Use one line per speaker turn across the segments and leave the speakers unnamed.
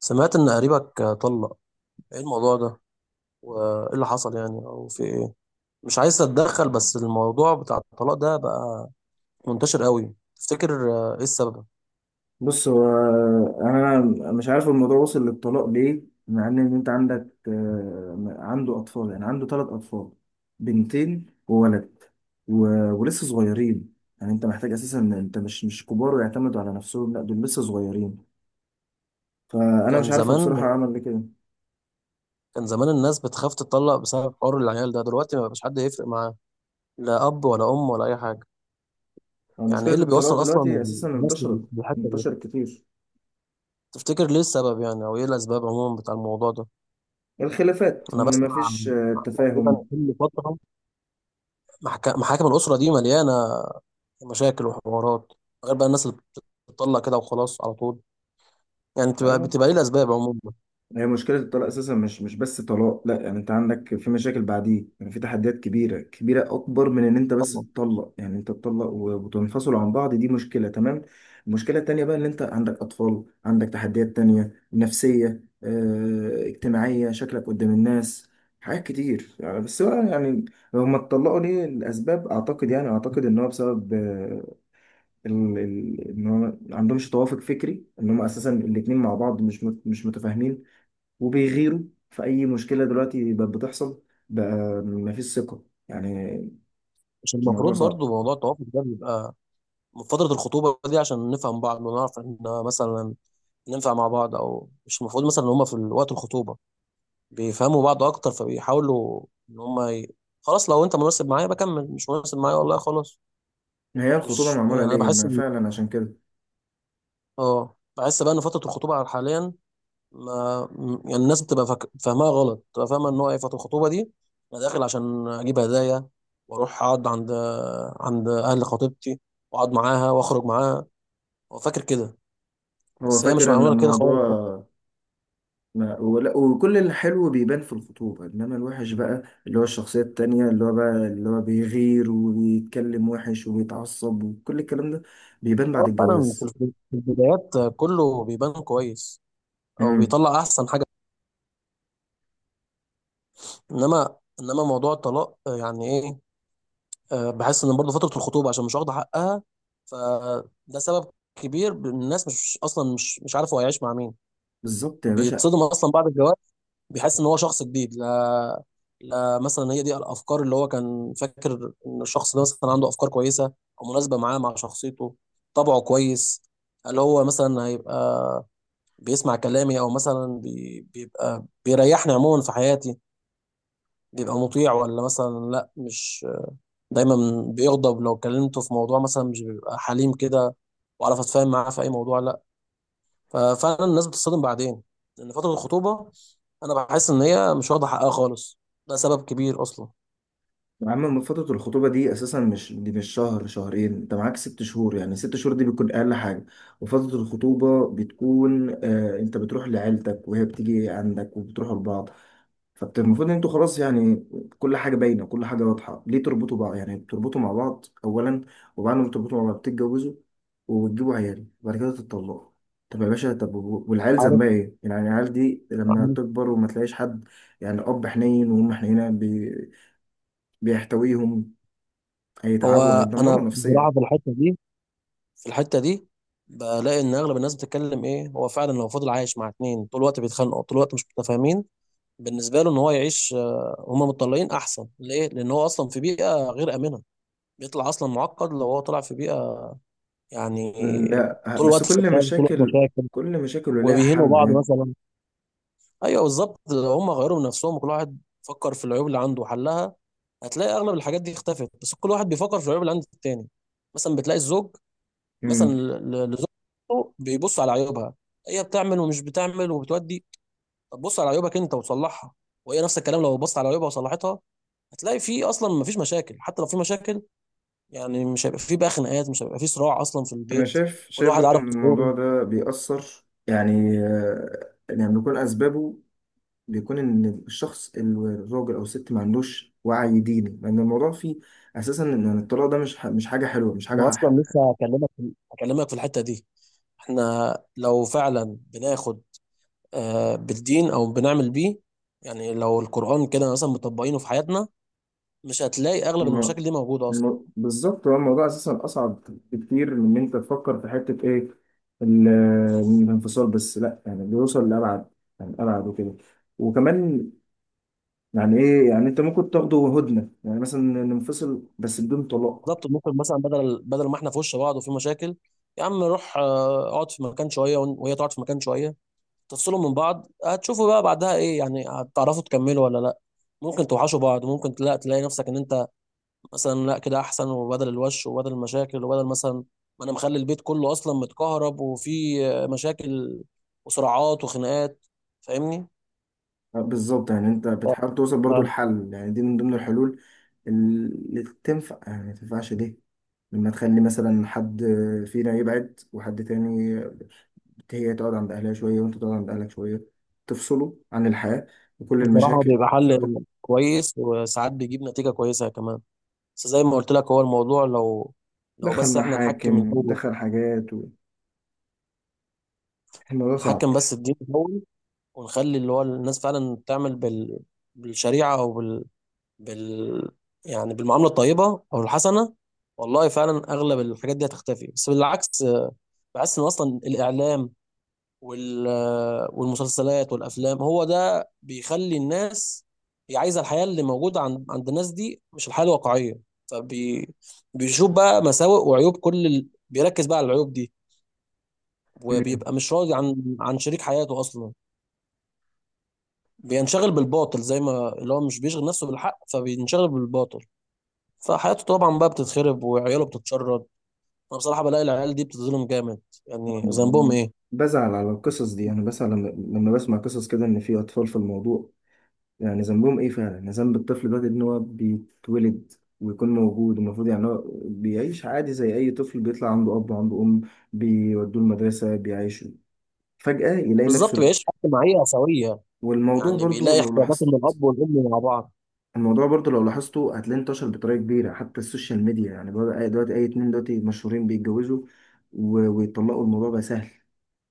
سمعت إن قريبك طلق. إيه الموضوع ده؟ وإيه اللي حصل يعني أو في إيه؟ مش عايز أتدخل، بس الموضوع بتاع الطلاق ده بقى منتشر قوي. تفتكر، إيه السبب؟
بص هو، يعني انا مش عارف الموضوع وصل للطلاق ليه. مع إن انت عندك عنده اطفال، يعني عنده 3 اطفال، بنتين وولد و... ولسه صغيرين. يعني انت محتاج اساسا إن انت مش كبار ويعتمدوا على نفسهم، لا دول لسه صغيرين. فانا مش
كان
عارف هو
زمان
بصراحة عمل ليه كده.
كان زمان الناس بتخاف تطلق بسبب حوار العيال ده. دلوقتي ما بقاش حد يفرق معاه، لا أب ولا أم ولا أي حاجة.
هو
يعني
مشكلة
إيه اللي
الطلاق
بيوصل أصلا
دلوقتي اساسا
الناس
انتشرت،
للحتة دي؟
انتشرت كتير.
تفتكر ليه السبب يعني، أو إيه الأسباب عموما بتاع الموضوع ده؟
الخلافات
أنا
ان
بسمع
مفيش
عن تقريبا كل فترة محاكم الأسرة دي مليانة مشاكل وحوارات، غير بقى الناس اللي بتطلع كده وخلاص على طول. يعني بتبقى
تفاهم.
بتبقى ايه الاسباب عموما؟
هي مشكلة الطلاق أساسا مش بس طلاق، لا، يعني أنت عندك في مشاكل بعديه، يعني في تحديات كبيرة، كبيرة أكبر من إن أنت بس
طبعا.
تطلق. يعني أنت تطلق وتنفصل عن بعض، دي مشكلة تمام. المشكلة التانية بقى إن أنت عندك أطفال، عندك تحديات تانية نفسية، اجتماعية، شكلك قدام الناس، حاجات كتير يعني. بس بقى يعني هما اتطلقوا ليه؟ الأسباب أعتقد، يعني أعتقد إن هو بسبب إن هو ما عندهمش توافق فكري، إن هما أساسا الاتنين مع بعض مش متفاهمين وبيغيروا في اي مشكله دلوقتي بقت بتحصل. بقى مفيش ثقه يعني،
مش
الموضوع
المفروض
صعب.
برضو موضوع التوافق ده بيبقى من فتره الخطوبه دي عشان نفهم بعض ونعرف ان مثلا ننفع مع بعض، او مش المفروض مثلا ان هم في وقت الخطوبه بيفهموا بعض اكتر، فبيحاولوا ان هم خلاص. لو انت مناسب معايا بكمل، مش مناسب معايا والله خلاص.
هي الخطوبه
مش يعني
معموله
انا
ليه
بحس
ما
ان
فعلا عشان كده.
اه، بحس بقى ان فتره الخطوبه حاليا ما م- الناس بتبقى فاهماها غلط، بتبقى فاهمه ان هو ايه فتره الخطوبه دي. انا داخل عشان اجيب هدايا، واروح اقعد عند اهل خطيبتي، واقعد معاها واخرج معاها. هو فاكر كده،
هو
بس هي مش
فاكر ان
معموله كده خالص.
الموضوع ما ولا، وكل الحلو بيبان في الخطوبه، انما الوحش بقى اللي هو الشخصيه التانيه اللي هو بقى اللي هو بيغير وبيتكلم وحش وبيتعصب وكل الكلام ده بيبان
هو
بعد
فعلا في
الجواز.
في البدايات كله بيبان كويس، او
امم
بيطلع احسن حاجه. انما موضوع الطلاق، يعني ايه؟ بحس ان برضه فتره الخطوبه عشان مش واخده حقها، فده سبب كبير. الناس مش اصلا مش عارف هو هيعيش مع مين.
بالظبط يا باشا.
بيتصدم اصلا بعد الجواز، بيحس ان هو شخص جديد. لا، لا، مثلا هي دي الافكار اللي هو كان فاكر ان الشخص ده مثلا عنده افكار كويسه، او مناسبه معاه مع شخصيته، طبعه كويس، اللي هو مثلا هيبقى بيسمع كلامي، او مثلا بيبقى بيريحني عموما في حياتي، بيبقى مطيع، ولا مثلا لا، مش دايما بيغضب لو كلمته في موضوع، مثلا مش بيبقى حليم كده، وعرف اتفاهم معاه في اي موضوع لا. ففعلا الناس بتصطدم بعدين لان فتره الخطوبه انا بحس ان هي مش واخده حقها خالص. ده سبب كبير اصلا.
يا عم من فترة الخطوبة دي أساسا، مش دي مش شهر شهرين، أنت معاك 6 شهور، يعني 6 شهور دي بتكون أقل حاجة. وفترة الخطوبة بتكون آه أنت بتروح لعيلتك وهي بتيجي عندك وبتروحوا لبعض. فالمفروض أنتوا خلاص يعني كل حاجة باينة، كل حاجة واضحة. ليه تربطوا بعض؟ يعني بتربطوا مع بعض أولا، وبعد ما بتربطوا مع بعض بتتجوزوا وبتجيبوا عيال وبعد كده تتطلقوا. طب يا باشا طب والعيال
عارف،
ذنبها إيه؟ يعني العيال دي لما
عارف.
تكبر وما تلاقيش حد، يعني أب حنين وأم حنينة بيحتويهم،
هو
هيتعبوا،
انا
هيتدمروا
بصراحه
نفسيا.
في الحته دي، في الحته دي بلاقي ان اغلب الناس بتتكلم ايه. هو فعلا لو فضل عايش مع اتنين طول الوقت بيتخانقوا طول الوقت مش متفاهمين، بالنسبه له ان هو يعيش، هما متطلقين احسن ليه، لان هو اصلا في بيئه غير امنه. بيطلع اصلا معقد لو هو طلع في بيئه يعني
لا
طول
بس
الوقت
كل
شغال، طول الوقت
مشاكل،
مشاكل
كل مشاكل ليها
وبيهينوا بعض
حل.
مثلا. ايوه بالظبط، لو هم غيروا من نفسهم وكل واحد فكر في العيوب اللي عنده وحلها، هتلاقي اغلب الحاجات دي اختفت. بس كل واحد بيفكر في العيوب اللي عند التاني. مثلا بتلاقي الزوج، مثلا
امم
لزوجته بيبص على عيوبها، هي بتعمل ومش بتعمل وبتودي. طب بص على عيوبك انت وتصلحها، وهي نفس الكلام لو بصت على عيوبها وصلحتها. هتلاقي في اصلا مفيش مشاكل. حتى لو في مشاكل يعني مش هيبقى في بقى خناقات، مش هيبقى في صراع اصلا في
انا
البيت.
شايف
كل
شايف
واحد
برضو
عارف
ان
دوره.
الموضوع ده بيأثر، يعني يعني بيكون اسبابه، بيكون ان الشخص الراجل او الست ما عندوش وعي ديني، لان الموضوع فيه اساسا ان الطلاق ده مش حاجه حلوه، مش حاجه.
انا اصلا لسه هكلمك، في الحتة دي. احنا لو فعلا بناخد، بالدين او بنعمل بيه، يعني لو القرآن كده مثلا مطبقينه في حياتنا، مش هتلاقي اغلب
ما-
المشاكل دي موجودة اصلا.
بالظبط، هو الموضوع اساسا اصعب بكتير من ان انت تفكر في حته ايه، الانفصال بس، لا يعني بيوصل لابعد، يعني ابعد وكده. وكمان يعني ايه، يعني انت ممكن تاخده هدنه، يعني مثلا ننفصل بس بدون طلاق.
بالظبط، ممكن مثلا بدل ما احنا في وش بعض وفي مشاكل، يا عم روح، اقعد في مكان شوية، وهي تقعد في مكان شوية، تفصلوا من بعض. هتشوفوا بقى بعدها ايه، يعني هتعرفوا تكملوا ولا لا. ممكن توحشوا بعض، ممكن لا تلاقي نفسك ان انت مثلا لا كده احسن، وبدل الوش وبدل المشاكل وبدل مثلا ما انا مخلي البيت كله اصلا متكهرب وفي، مشاكل وصراعات وخناقات. فاهمني؟
بالظبط، يعني انت بتحاول توصل برضو لحل، يعني دي من ضمن الحلول اللي تنفع. يعني ما تنفعش ليه؟ لما تخلي مثلا حد فينا يبعد وحد تاني، هي تقعد عند أهلها شوية وأنت تقعد عند أهلك شوية، تفصلوا عن الحياة وكل
بصراحة
المشاكل.
بيبقى حل كويس، وساعات بيجيب نتيجة كويسة كمان. بس زي ما قلت لك، هو الموضوع لو،
دخل
بس احنا
محاكم،
نحكم الأول.
دخل حاجات الموضوع صعب.
نحكم بس الدين الأول، ونخلي اللي هو الناس فعلا تعمل بالشريعة، أو بال... بال يعني بالمعاملة الطيبة أو الحسنة. والله فعلا أغلب الحاجات دي هتختفي. بس بالعكس، بحس إن أصلا الإعلام، وال والمسلسلات والافلام، هو ده بيخلي الناس، هي عايزه الحياه اللي موجوده عند الناس دي، مش الحياه الواقعيه. فبيشوف بقى مساوئ وعيوب بيركز بقى على العيوب دي، وبيبقى مش راضي عن شريك حياته اصلا. بينشغل بالباطل، زي ما اللي هو مش بيشغل نفسه بالحق فبينشغل بالباطل. فحياته طبعا بقى بتتخرب وعياله بتتشرد. انا بصراحه بلاقي العيال دي بتتظلم جامد، يعني ذنبهم
مم.
ايه؟
بزعل على القصص دي. أنا بزعل لما، لما بسمع قصص كده إن في أطفال في الموضوع. يعني ذنبهم إيه فعلا؟ ذنب الطفل ده إن هو بيتولد ويكون موجود؟ المفروض يعني هو بيعيش عادي زي أي طفل، بيطلع عنده أب وعنده أم، بيودوه المدرسة، بيعيشوا. فجأة يلاقي نفسه
بالظبط،
لأ.
بيعيش حياه اجتماعيه سويه،
والموضوع
يعني
برضو
بيلاقي
لو
احتياجات من
لاحظت،
الاب والام مع بعض.
الموضوع برضو لو لاحظته هتلاقيه انتشر بطريقة كبيرة، حتى السوشيال ميديا، يعني بقى دلوقتي أي اتنين دلوقتي مشهورين بيتجوزوا ويطلقوا، الموضوع بقى سهل،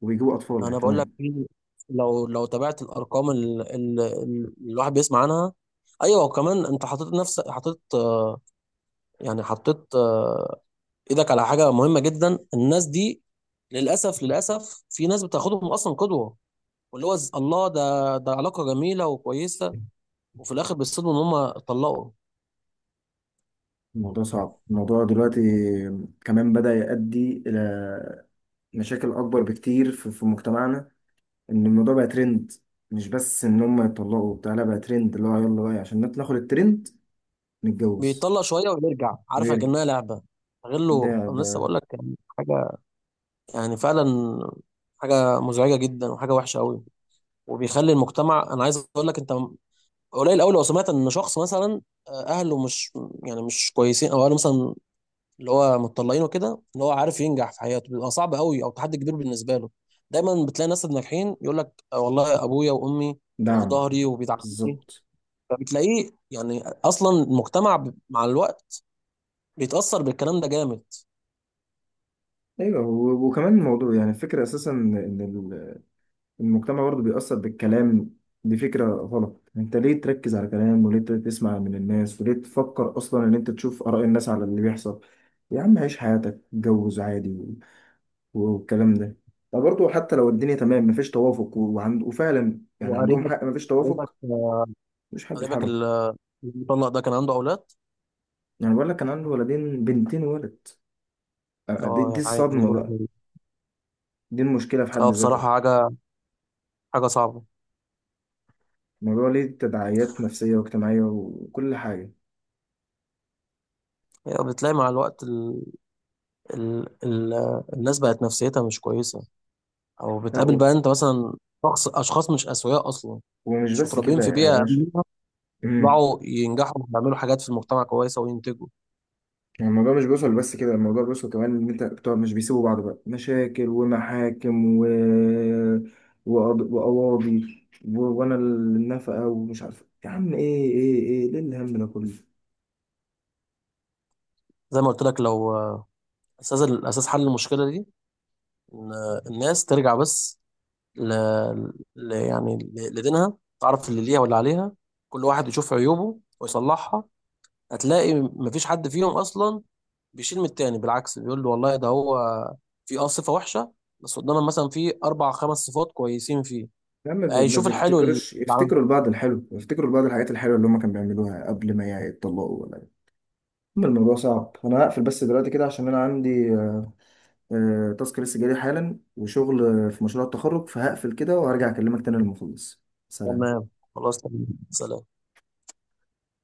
وبيجيبوا أطفال يعني
انا بقول لك
كمان.
لو، تابعت الارقام اللي الواحد بيسمع عنها. ايوه، وكمان انت حطيت نفسك، حطيت ايدك على حاجه مهمه جدا. الناس دي للاسف، في ناس بتاخدهم اصلا قدوه، واللي هو الله، ده علاقه جميله وكويسه، وفي الاخر بيصدموا ان هم اتطلقوا.
الموضوع صعب، الموضوع دلوقتي كمان بدأ يؤدي إلى مشاكل أكبر بكتير في مجتمعنا. إن الموضوع بقى ترند، مش بس إن هم يطلقوا بتاع، لا بقى ترند اللي هو يلا بقى عشان ناخد الترند نتجوز
بيطلق شويه ويرجع، عارفه
ويرجع.
كانها لعبه. غير
ده
له أنا
ده
لسه بقول لك يعني حاجه، يعني فعلا حاجه مزعجه جدا وحاجه وحشه قوي. وبيخلي المجتمع، انا عايز اقول لك انت قليل قوي لو سمعت ان شخص مثلا، اهله مش كويسين، او اهله مثلا اللي هو متطلعين وكده، ان هو عارف ينجح في حياته بيبقى صعب قوي، او تحدي كبير بالنسبه له. دايما بتلاقي ناس ناجحين يقول لك والله ابويا وامي كانوا في
دعم،
ظهري وبيدعموني.
بالظبط.
فبتلاقيه يعني اصلا المجتمع مع الوقت بيتاثر بالكلام ده جامد.
ايوه وكمان الموضوع، يعني الفكره اساسا ان المجتمع برضه بيأثر بالكلام، دي فكرة غلط. انت ليه تركز على كلام؟ وليه تسمع من الناس؟ وليه تفكر اصلا ان انت تشوف آراء الناس على اللي بيحصل؟ يا عم عيش حياتك، اتجوز عادي والكلام ده. فبرضه حتى لو الدنيا تمام، مفيش توافق وعند، وفعلا يعني عندهم
وقريبك،
حق مفيش
قريبك
توافق،
آه،
مش حد في
قريبك
حاله.
المطلق ده كان عنده اولاد.
يعني بقول لك كان عنده ولدين، بنتين ولد. دي
اه يا عيني،
الصدمة
دول
بقى، دي المشكلة في حد
اه، بصراحة
ذاتها.
حاجة صعبة.
الموضوع ليه تداعيات نفسية واجتماعية وكل حاجة.
يعني بتلاقي مع الوقت ال... ال... الناس بقت نفسيتها مش كويسة، أو
لا
بتقابل بقى أنت مثلا أشخاص مش أسوياء أصلا،
ومش
مش
بس
متربيين
كده
في
يا
بيئة
باشا.
آمنة،
مم.
يطلعوا ينجحوا ويعملوا حاجات في المجتمع كويسة وينتجوا.
الموضوع مش بيوصل بس كده، الموضوع بيوصل كمان ان انت بتوع مش بيسيبوا بعض بقى، مشاكل ومحاكم وقواضي وانا النفقه ومش عارف يا عم، ايه ايه ايه ليه الهم ده كله؟
زي ما قلت لك، لو، الأساس حل المشكلة دي إن، الناس ترجع بس ل... لدينها، تعرف اللي ليها واللي عليها، كل واحد يشوف عيوبه ويصلحها. هتلاقي مفيش حد فيهم أصلا بيشيل من التاني، بالعكس بيقول له والله ده هو في اه صفه وحشه، بس قدامنا مثلا في اربع خمس صفات كويسين فيه.
يا عم ما
هيشوف الحلو اللي
بيفتكروش،
عنده.
يفتكروا البعض الحلو، يفتكروا البعض الحاجات الحلوه اللي هم كانوا بيعملوها قبل ما يتطلقوا ولا؟ اما الموضوع صعب. انا هقفل بس دلوقتي كده عشان انا عندي تاسك لسه جالي حالا وشغل في مشروع التخرج، فهقفل كده وهرجع اكلمك تاني لما اخلص. سلام.
تمام، خلاص، تمام، سلام.